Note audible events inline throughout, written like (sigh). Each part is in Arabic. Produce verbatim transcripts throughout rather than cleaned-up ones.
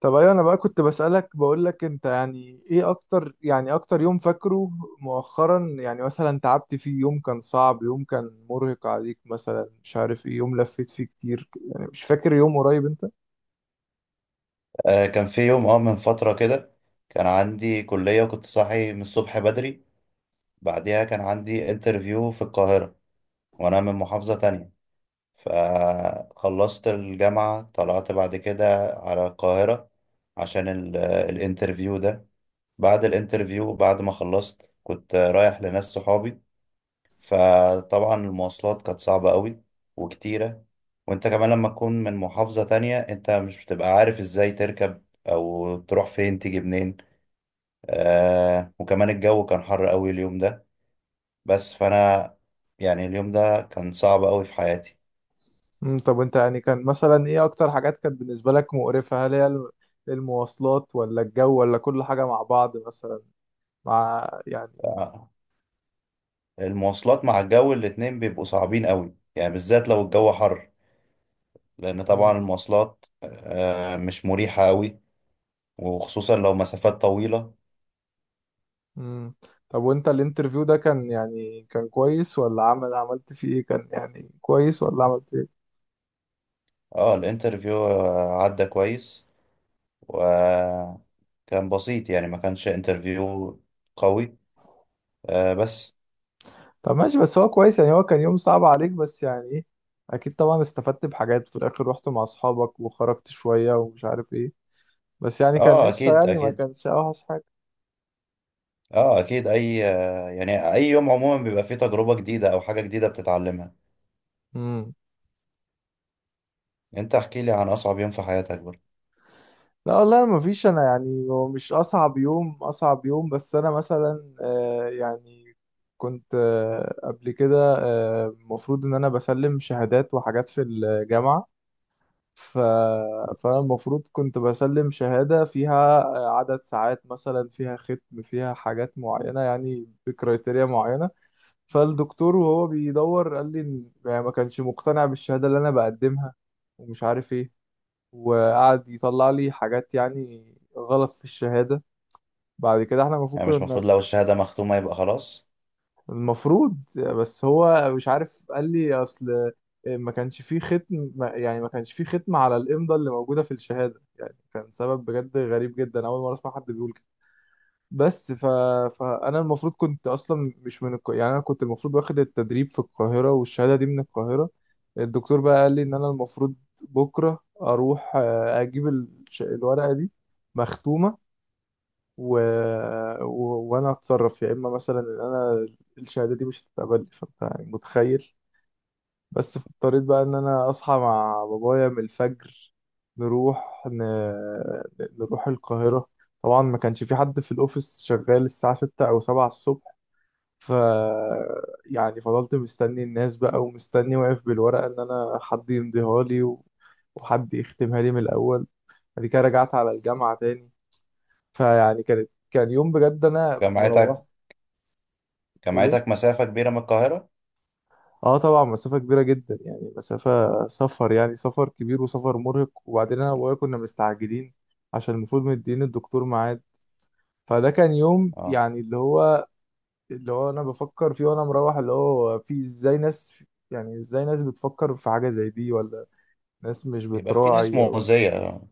طب، ايوه انا بقى كنت بسألك بقول لك انت، يعني ايه اكتر يعني اكتر يوم فاكره مؤخرا؟ يعني مثلا تعبت فيه، يوم كان صعب، يوم كان مرهق عليك مثلا، مش عارف ايه، يوم لفيت فيه كتير، يعني مش فاكر يوم قريب انت؟ آه، كان في يوم اه من فترة كده. كان عندي كلية وكنت صاحي من الصبح بدري. بعديها كان عندي انترفيو في القاهرة، وأنا من محافظة تانية. فخلصت الجامعة طلعت بعد كده على القاهرة عشان ال- الانترفيو ده. بعد الانترفيو بعد ما خلصت كنت رايح لناس صحابي. فطبعا المواصلات كانت صعبة قوي وكتيرة. وانت كمان لما تكون من محافظة تانية انت مش بتبقى عارف ازاي تركب او تروح فين تيجي منين. آه، وكمان الجو كان حر قوي اليوم ده. بس فانا يعني اليوم ده كان صعب قوي في حياتي. امم طب انت، يعني كان مثلا ايه اكتر حاجات كانت بالنسبة لك مقرفة؟ هل هي الم- المواصلات ولا الجو ولا كل حاجة مع بعض مثلا؟ مع يعني. آه، المواصلات مع الجو الاتنين بيبقوا صعبين قوي، يعني بالذات لو الجو حر. لان طبعا امم المواصلات آه مش مريحة قوي، وخصوصا لو مسافات طويلة. امم طب وانت الانترفيو ده كان يعني كان كويس ولا عمل عملت فيه ايه؟ كان يعني كويس ولا عملت؟ اه، الانترفيو آه، عدى كويس وكان بسيط، يعني ما كانش انترفيو قوي. آه بس. طب ماشي، بس هو كويس، يعني هو كان يوم صعب عليك، بس يعني ايه، اكيد طبعا استفدت بحاجات في الاخر، رحت مع اصحابك وخرجت شوية ومش عارف ايه، بس يعني كان اه، قشطة اكيد يعني، ما اكيد. كانش اوحش حاجة. اه اكيد، اي آه يعني اي يوم عموما بيبقى فيه تجربة جديدة او حاجة جديدة بتتعلمها. امم. انت احكي لي عن اصعب يوم في حياتك برضه. لا والله ما فيش، انا يعني هو مش اصعب يوم اصعب يوم، بس انا مثلا آه يعني كنت آه قبل كده، آه، المفروض ان انا بسلم شهادات وحاجات في الجامعة. ف... فأنا المفروض كنت بسلم شهادة فيها عدد ساعات مثلا، فيها ختم، فيها حاجات معينة، يعني بكريتيريا معينة. فالدكتور وهو بيدور قال لي إن- يعني ما كانش مقتنع بالشهادة اللي أنا بقدمها ومش عارف إيه، وقعد يطلع لي حاجات يعني غلط في الشهادة. بعد كده احنا المفروض يعني مش كنا. المفروض لو الشهادة مختومة يبقى خلاص؟ المفروض، بس هو مش عارف قال لي اصل ما كانش فيه ختم، ما- يعني ما كانش فيه ختم على الامضه اللي موجوده في الشهاده. يعني كان سبب بجد غريب جدا، اول مره اسمع حد بيقول كده. بس ف... فانا المفروض كنت اصلا مش من الك... يعني انا كنت المفروض واخد التدريب في القاهره، والشهاده دي من القاهره. الدكتور بقى قال لي ان انا المفروض بكره اروح، آه، اجيب الش- الورقه دي مختومه، و... و... وانا هتصرف، يا اما مثلا ان انا الشهاده دي مش هتتقبل. فانت يعني متخيل، بس في اضطريت بقى ان انا اصحى مع بابايا من الفجر، نروح ن... نروح القاهره. طبعا ما كانش في حد في الاوفيس شغال الساعه ستة او سبعة الصبح، ف يعني فضلت مستني الناس بقى، ومستني واقف بالورقه ان انا حد يمضيها لي و... وحد يختمها لي من الاول. بعد كده رجعت على الجامعه تاني. فيعني كانت كان يوم بجد انا مروح. جامعتك تقول ايه؟ جامعتك مسافة كبيرة من القاهرة؟ اه طبعا مسافه كبيره جدا، يعني مسافه سفر، يعني سفر كبير وسفر مرهق، وبعدين انا وابويا كنا مستعجلين عشان المفروض مدين الدكتور ميعاد. فده كان يوم اه، يعني اللي هو اللي هو انا بفكر فيه وانا مروح، اللي هو في ازاي ناس، يعني ازاي ناس بتفكر في حاجه زي دي، ولا ناس مش بيبقى في ناس بتراعي او كده. مؤذية اه.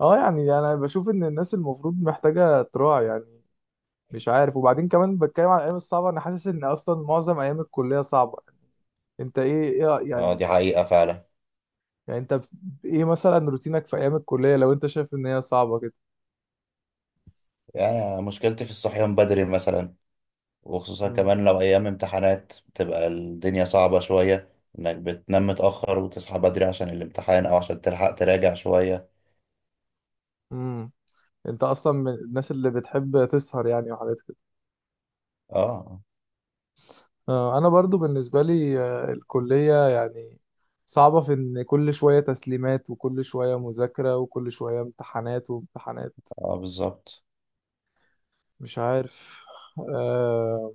اه يعني انا بشوف ان الناس المفروض محتاجه تراعي، يعني مش عارف. وبعدين كمان بتكلم عن الايام الصعبه، انا حاسس ان اصلا معظم ايام الكليه صعبه، انت ايه؟ ايه آه، يعني؟ دي حقيقة فعلا. يعني انت ب- ايه مثلا روتينك في ايام الكليه، لو انت شايف ان هي صعبه كده؟ يعني مشكلتي في الصحيان بدري مثلا، وخصوصا امم كمان لو أيام امتحانات بتبقى الدنيا صعبة شوية. إنك بتنام متأخر وتصحى بدري عشان الامتحان أو عشان تلحق تراجع شوية. امم انت اصلا من الناس اللي بتحب تسهر يعني وحاجات كده؟ اه، آه، انا برضو بالنسبه لي، آه، الكليه يعني صعبه في ان كل شويه تسليمات، وكل شويه مذاكره، وكل شويه امتحانات وامتحانات. اه بالظبط. مش عارف. آه،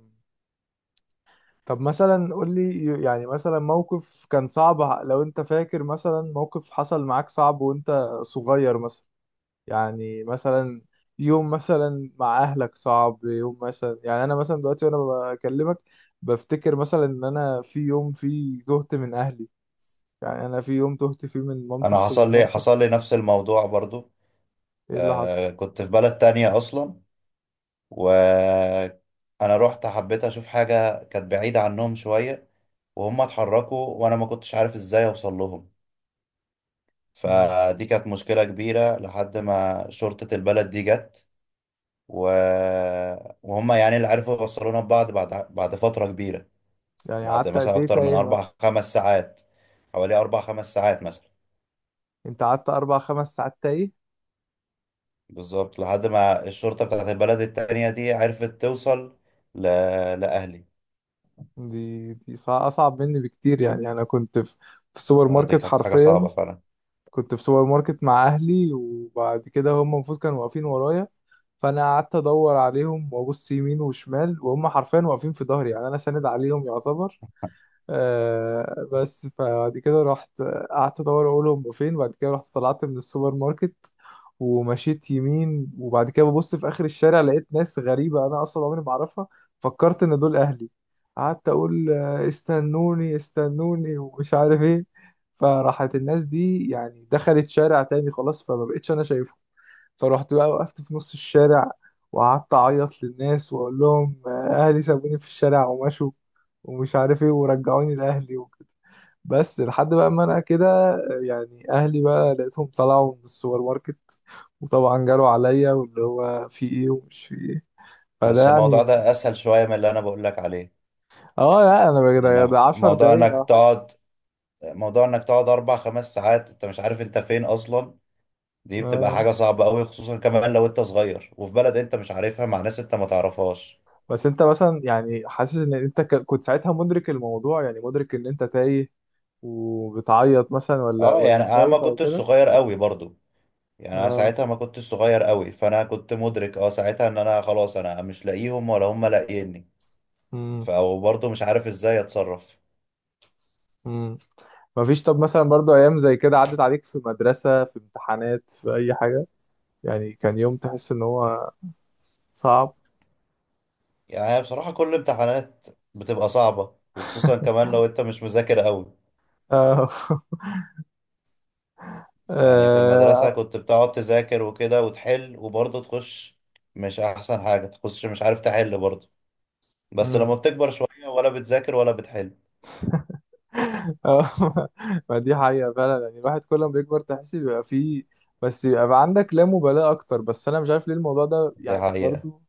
طب مثلا قول لي يعني، مثلا موقف كان صعب، لو انت فاكر مثلا موقف حصل معاك صعب وانت صغير مثلا، يعني مثلا يوم مثلا مع اهلك صعب، يوم مثلا، يعني انا مثلا دلوقتي وانا بكلمك بفتكر مثلا ان انا في يوم فيه تهت من اهلي، يعني انا في يوم تهت فيه من مامتي في أنا سوبر حصل لي ماركت. حصل لي نفس الموضوع برضو. ايه اللي حصل؟ آه، كنت في بلد تانية أصلا. وأنا رحت حبيت أشوف حاجة كانت بعيدة عنهم شوية، وهم اتحركوا وأنا ما كنتش عارف إزاي أوصل لهم. امم. فدي كانت مشكلة كبيرة لحد ما شرطة البلد دي جت. و... وهم يعني اللي عرفوا يوصلونا ببعض بعد بعد فترة كبيرة. يعني بعد قعدت مثلا قد ايه أكتر من تايه أربع مثلا؟ (laughs) خمس ساعات، حوالي أربع خمس ساعات مثلا. انت قعدت اربع خمس ساعات تايه؟ بالظبط، لحد ما الشرطة بتاعت البلد التانية دي عرفت توصل ل... لأهلي. دي دي صع- اصعب مني بكتير. يعني انا كنت في في السوبر آه، دي ماركت كانت حاجة حرفيا. صعبة فعلا. كنت في سوبر ماركت مع اهلي، وبعد كده هم المفروض كانوا واقفين ورايا، فانا قعدت ادور عليهم وابص يمين وشمال، وهم حرفيا واقفين في ظهري، يعني انا ساند عليهم يعتبر. آه بس فبعد كده رحت، قعدت ادور اقولهم فين. بعد كده رحت طلعت من السوبر ماركت ومشيت يمين، وبعد كده ببص في اخر الشارع لقيت ناس غريبه انا اصلا عمري ما اعرفها، فكرت ان دول اهلي. قعدت اقول آه، استنوني استنوني ومش عارف ايه. فراحت الناس دي يعني دخلت شارع تاني خلاص، فما بقتش انا شايفهم. فروحت بقى وقفت في نص الشارع، وقعدت أعيط للناس وأقول لهم آه، أهلي سابوني في الشارع ومشوا ومش عارف إيه، ورجعوني لأهلي وكده. بس لحد بقى ما أنا كده، آه، يعني أهلي بقى لقيتهم طلعوا من السوبر ماركت، وطبعا جالوا عليا، واللي هو في إيه ومش في إيه. فده بس الموضوع يعني. ده أسهل شوية من اللي أنا بقول لك عليه. آه لا، أنا بقى- ده لأن ده 10 موضوع دقايق أو إنك حاجة. تقعد موضوع إنك تقعد أربع خمس ساعات أنت مش عارف أنت فين أصلا. دي بتبقى آه حاجة صعبة أوي، خصوصا كمان لو أنت صغير وفي بلد أنت مش عارفها مع ناس أنت ما تعرفهاش. بس أنت مثلا، يعني حاسس إن أنت ك- كنت ساعتها مدرك الموضوع، يعني مدرك إن أنت تايه وبتعيط مثلا، ولا اه يعني ولا انا ما خايف أو كنتش كده؟ صغير قوي برضو. يعني انا اه. ساعتها ما كنتش صغير قوي، فانا كنت مدرك اه ساعتها ان انا خلاص انا مش لاقيهم ولا هم لاقيني. امم فبرضو مش عارف ازاي اتصرف. امم مفيش. طب مثلا برضو ايام زي كده عدت عليك في مدرسة، في امتحانات، في اي حاجة؟ يعني كان يوم تحس ان هو صعب؟ يعني هي بصراحة كل امتحانات بتبقى صعبة، وخصوصا كمان لو انت مش مذاكر قوي. اه. (laughs) يعني في المدرسة آه، كنت بتقعد تذاكر وكده وتحل وبرضو تخش مش احسن حاجة، تخش مش عارف تحل برضو. بس لما امم بتكبر شوية ولا بتذاكر ولا بتحل. اه. (laughs) ما دي حقيقة فعلا. يعني الواحد كل ما بيكبر تحس بيبقى فيه، بس بيبقى عندك لا مبالاة أكتر، بس أنا مش عارف ليه الموضوع ده دي يعني حقيقة. برضو.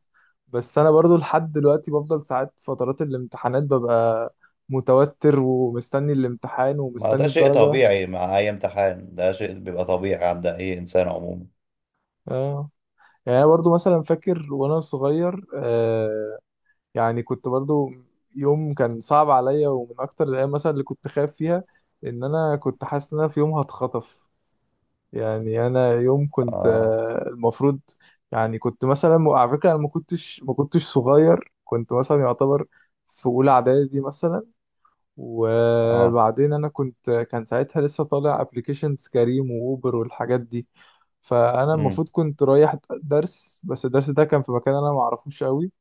بس أنا برضو لحد دلوقتي بفضل ساعات فترات الامتحانات ببقى متوتر ومستني الامتحان ما ده ومستني شيء الدرجة. طبيعي مع أي امتحان، ده شيء بيبقى طبيعي عند أي إنسان عموما. اه يعني انا برضو مثلا فاكر وانا صغير، آه يعني كنت برضو يوم كان صعب عليا، ومن اكتر الايام مثلا اللي كنت خايف فيها ان انا كنت حاسس ان انا في يوم هتخطف. يعني انا يوم كنت آه. آه المفروض، يعني كنت مثلا على فكره انا ما كنتش ما كنتش صغير، كنت مثلا يعتبر في اولى اعدادي مثلا. آه. وبعدين انا كنت كان ساعتها لسه طالع ابلكيشنز كريم واوبر والحاجات دي، فانا مم. المفروض كنت رايح درس، بس الدرس ده كان في مكان انا ما اعرفوش قوي.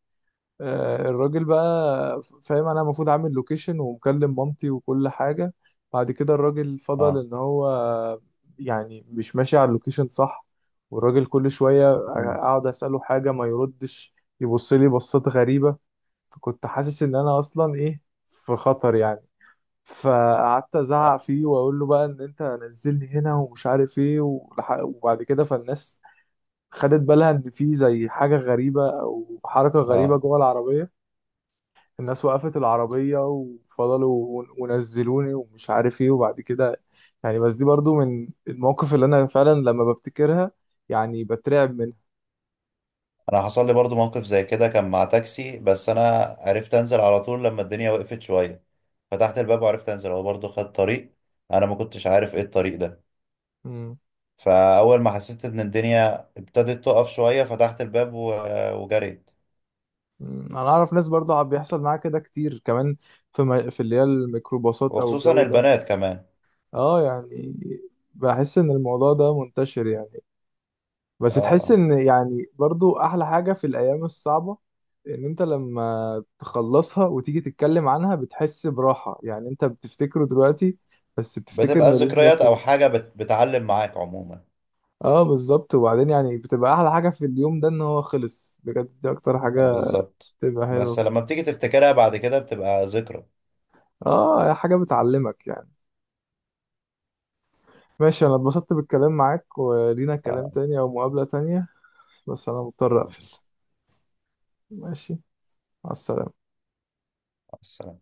آه، الراجل بقى فاهم انا المفروض عامل لوكيشن ومكلم مامتي وكل حاجه. بعد كده الراجل فضل آه. ان هو يعني مش ماشي على اللوكيشن صح، والراجل كل شويه مم. اقعد اساله حاجه ما يردش، يبص لي بصات غريبه. فكنت حاسس ان انا اصلا ايه، في خطر يعني. فقعدت ازعق فيه واقول له بقى ان انت نزلني هنا ومش عارف ايه ولح- وبعد كده فالناس خدت بالها ان في زي حاجه غريبه او حركه غريبه آه. جوه العربيه. الناس وقفت العربيه وفضلوا ونزلوني ومش عارف ايه وبعد كده، يعني بس دي برضو من المواقف اللي انا فعلا لما بفتكرها يعني بترعب منها. أنا حصل لي برضو موقف زي كده كان مع تاكسي، بس أنا عرفت أنزل على طول لما الدنيا وقفت شوية. فتحت الباب وعرفت أنزل، هو برضو خد طريق أنا ما كنتش عارف إيه الطريق ده. مم. فأول ما حسيت إن الدنيا ابتدت تقف شوية فتحت الباب و... وجريت. مم. انا اعرف ناس برضو عم بيحصل معاها كده كتير كمان، في م... في اللي هي الميكروباصات او وخصوصا الجو ده. البنات كمان. اه يعني بحس ان الموضوع ده منتشر يعني، بس آه. تحس آه. ان يعني برضو احلى حاجة في الايام الصعبة ان انت لما تخلصها وتيجي تتكلم عنها بتحس براحة، يعني انت بتفتكره دلوقتي بس بتفتكر بتبقى ان اليوم ده ذكريات أو خلص. حاجة بت... بتعلم معاك عموما. اه بالظبط، وبعدين يعني بتبقى احلى حاجة في اليوم ده ان هو خلص بجد، دي اكتر حاجة بالظبط. بتبقى حلوة بس فيه. لما بتيجي تفتكرها بعد كده بتبقى ذكرى. اه، هي حاجة بتعلمك يعني. ماشي، انا اتبسطت بالكلام معاك، ولينا كلام آه، تاني او مقابلة تانية، بس انا مضطر اقفل. ماشي، مع السلامة. مع السلامة.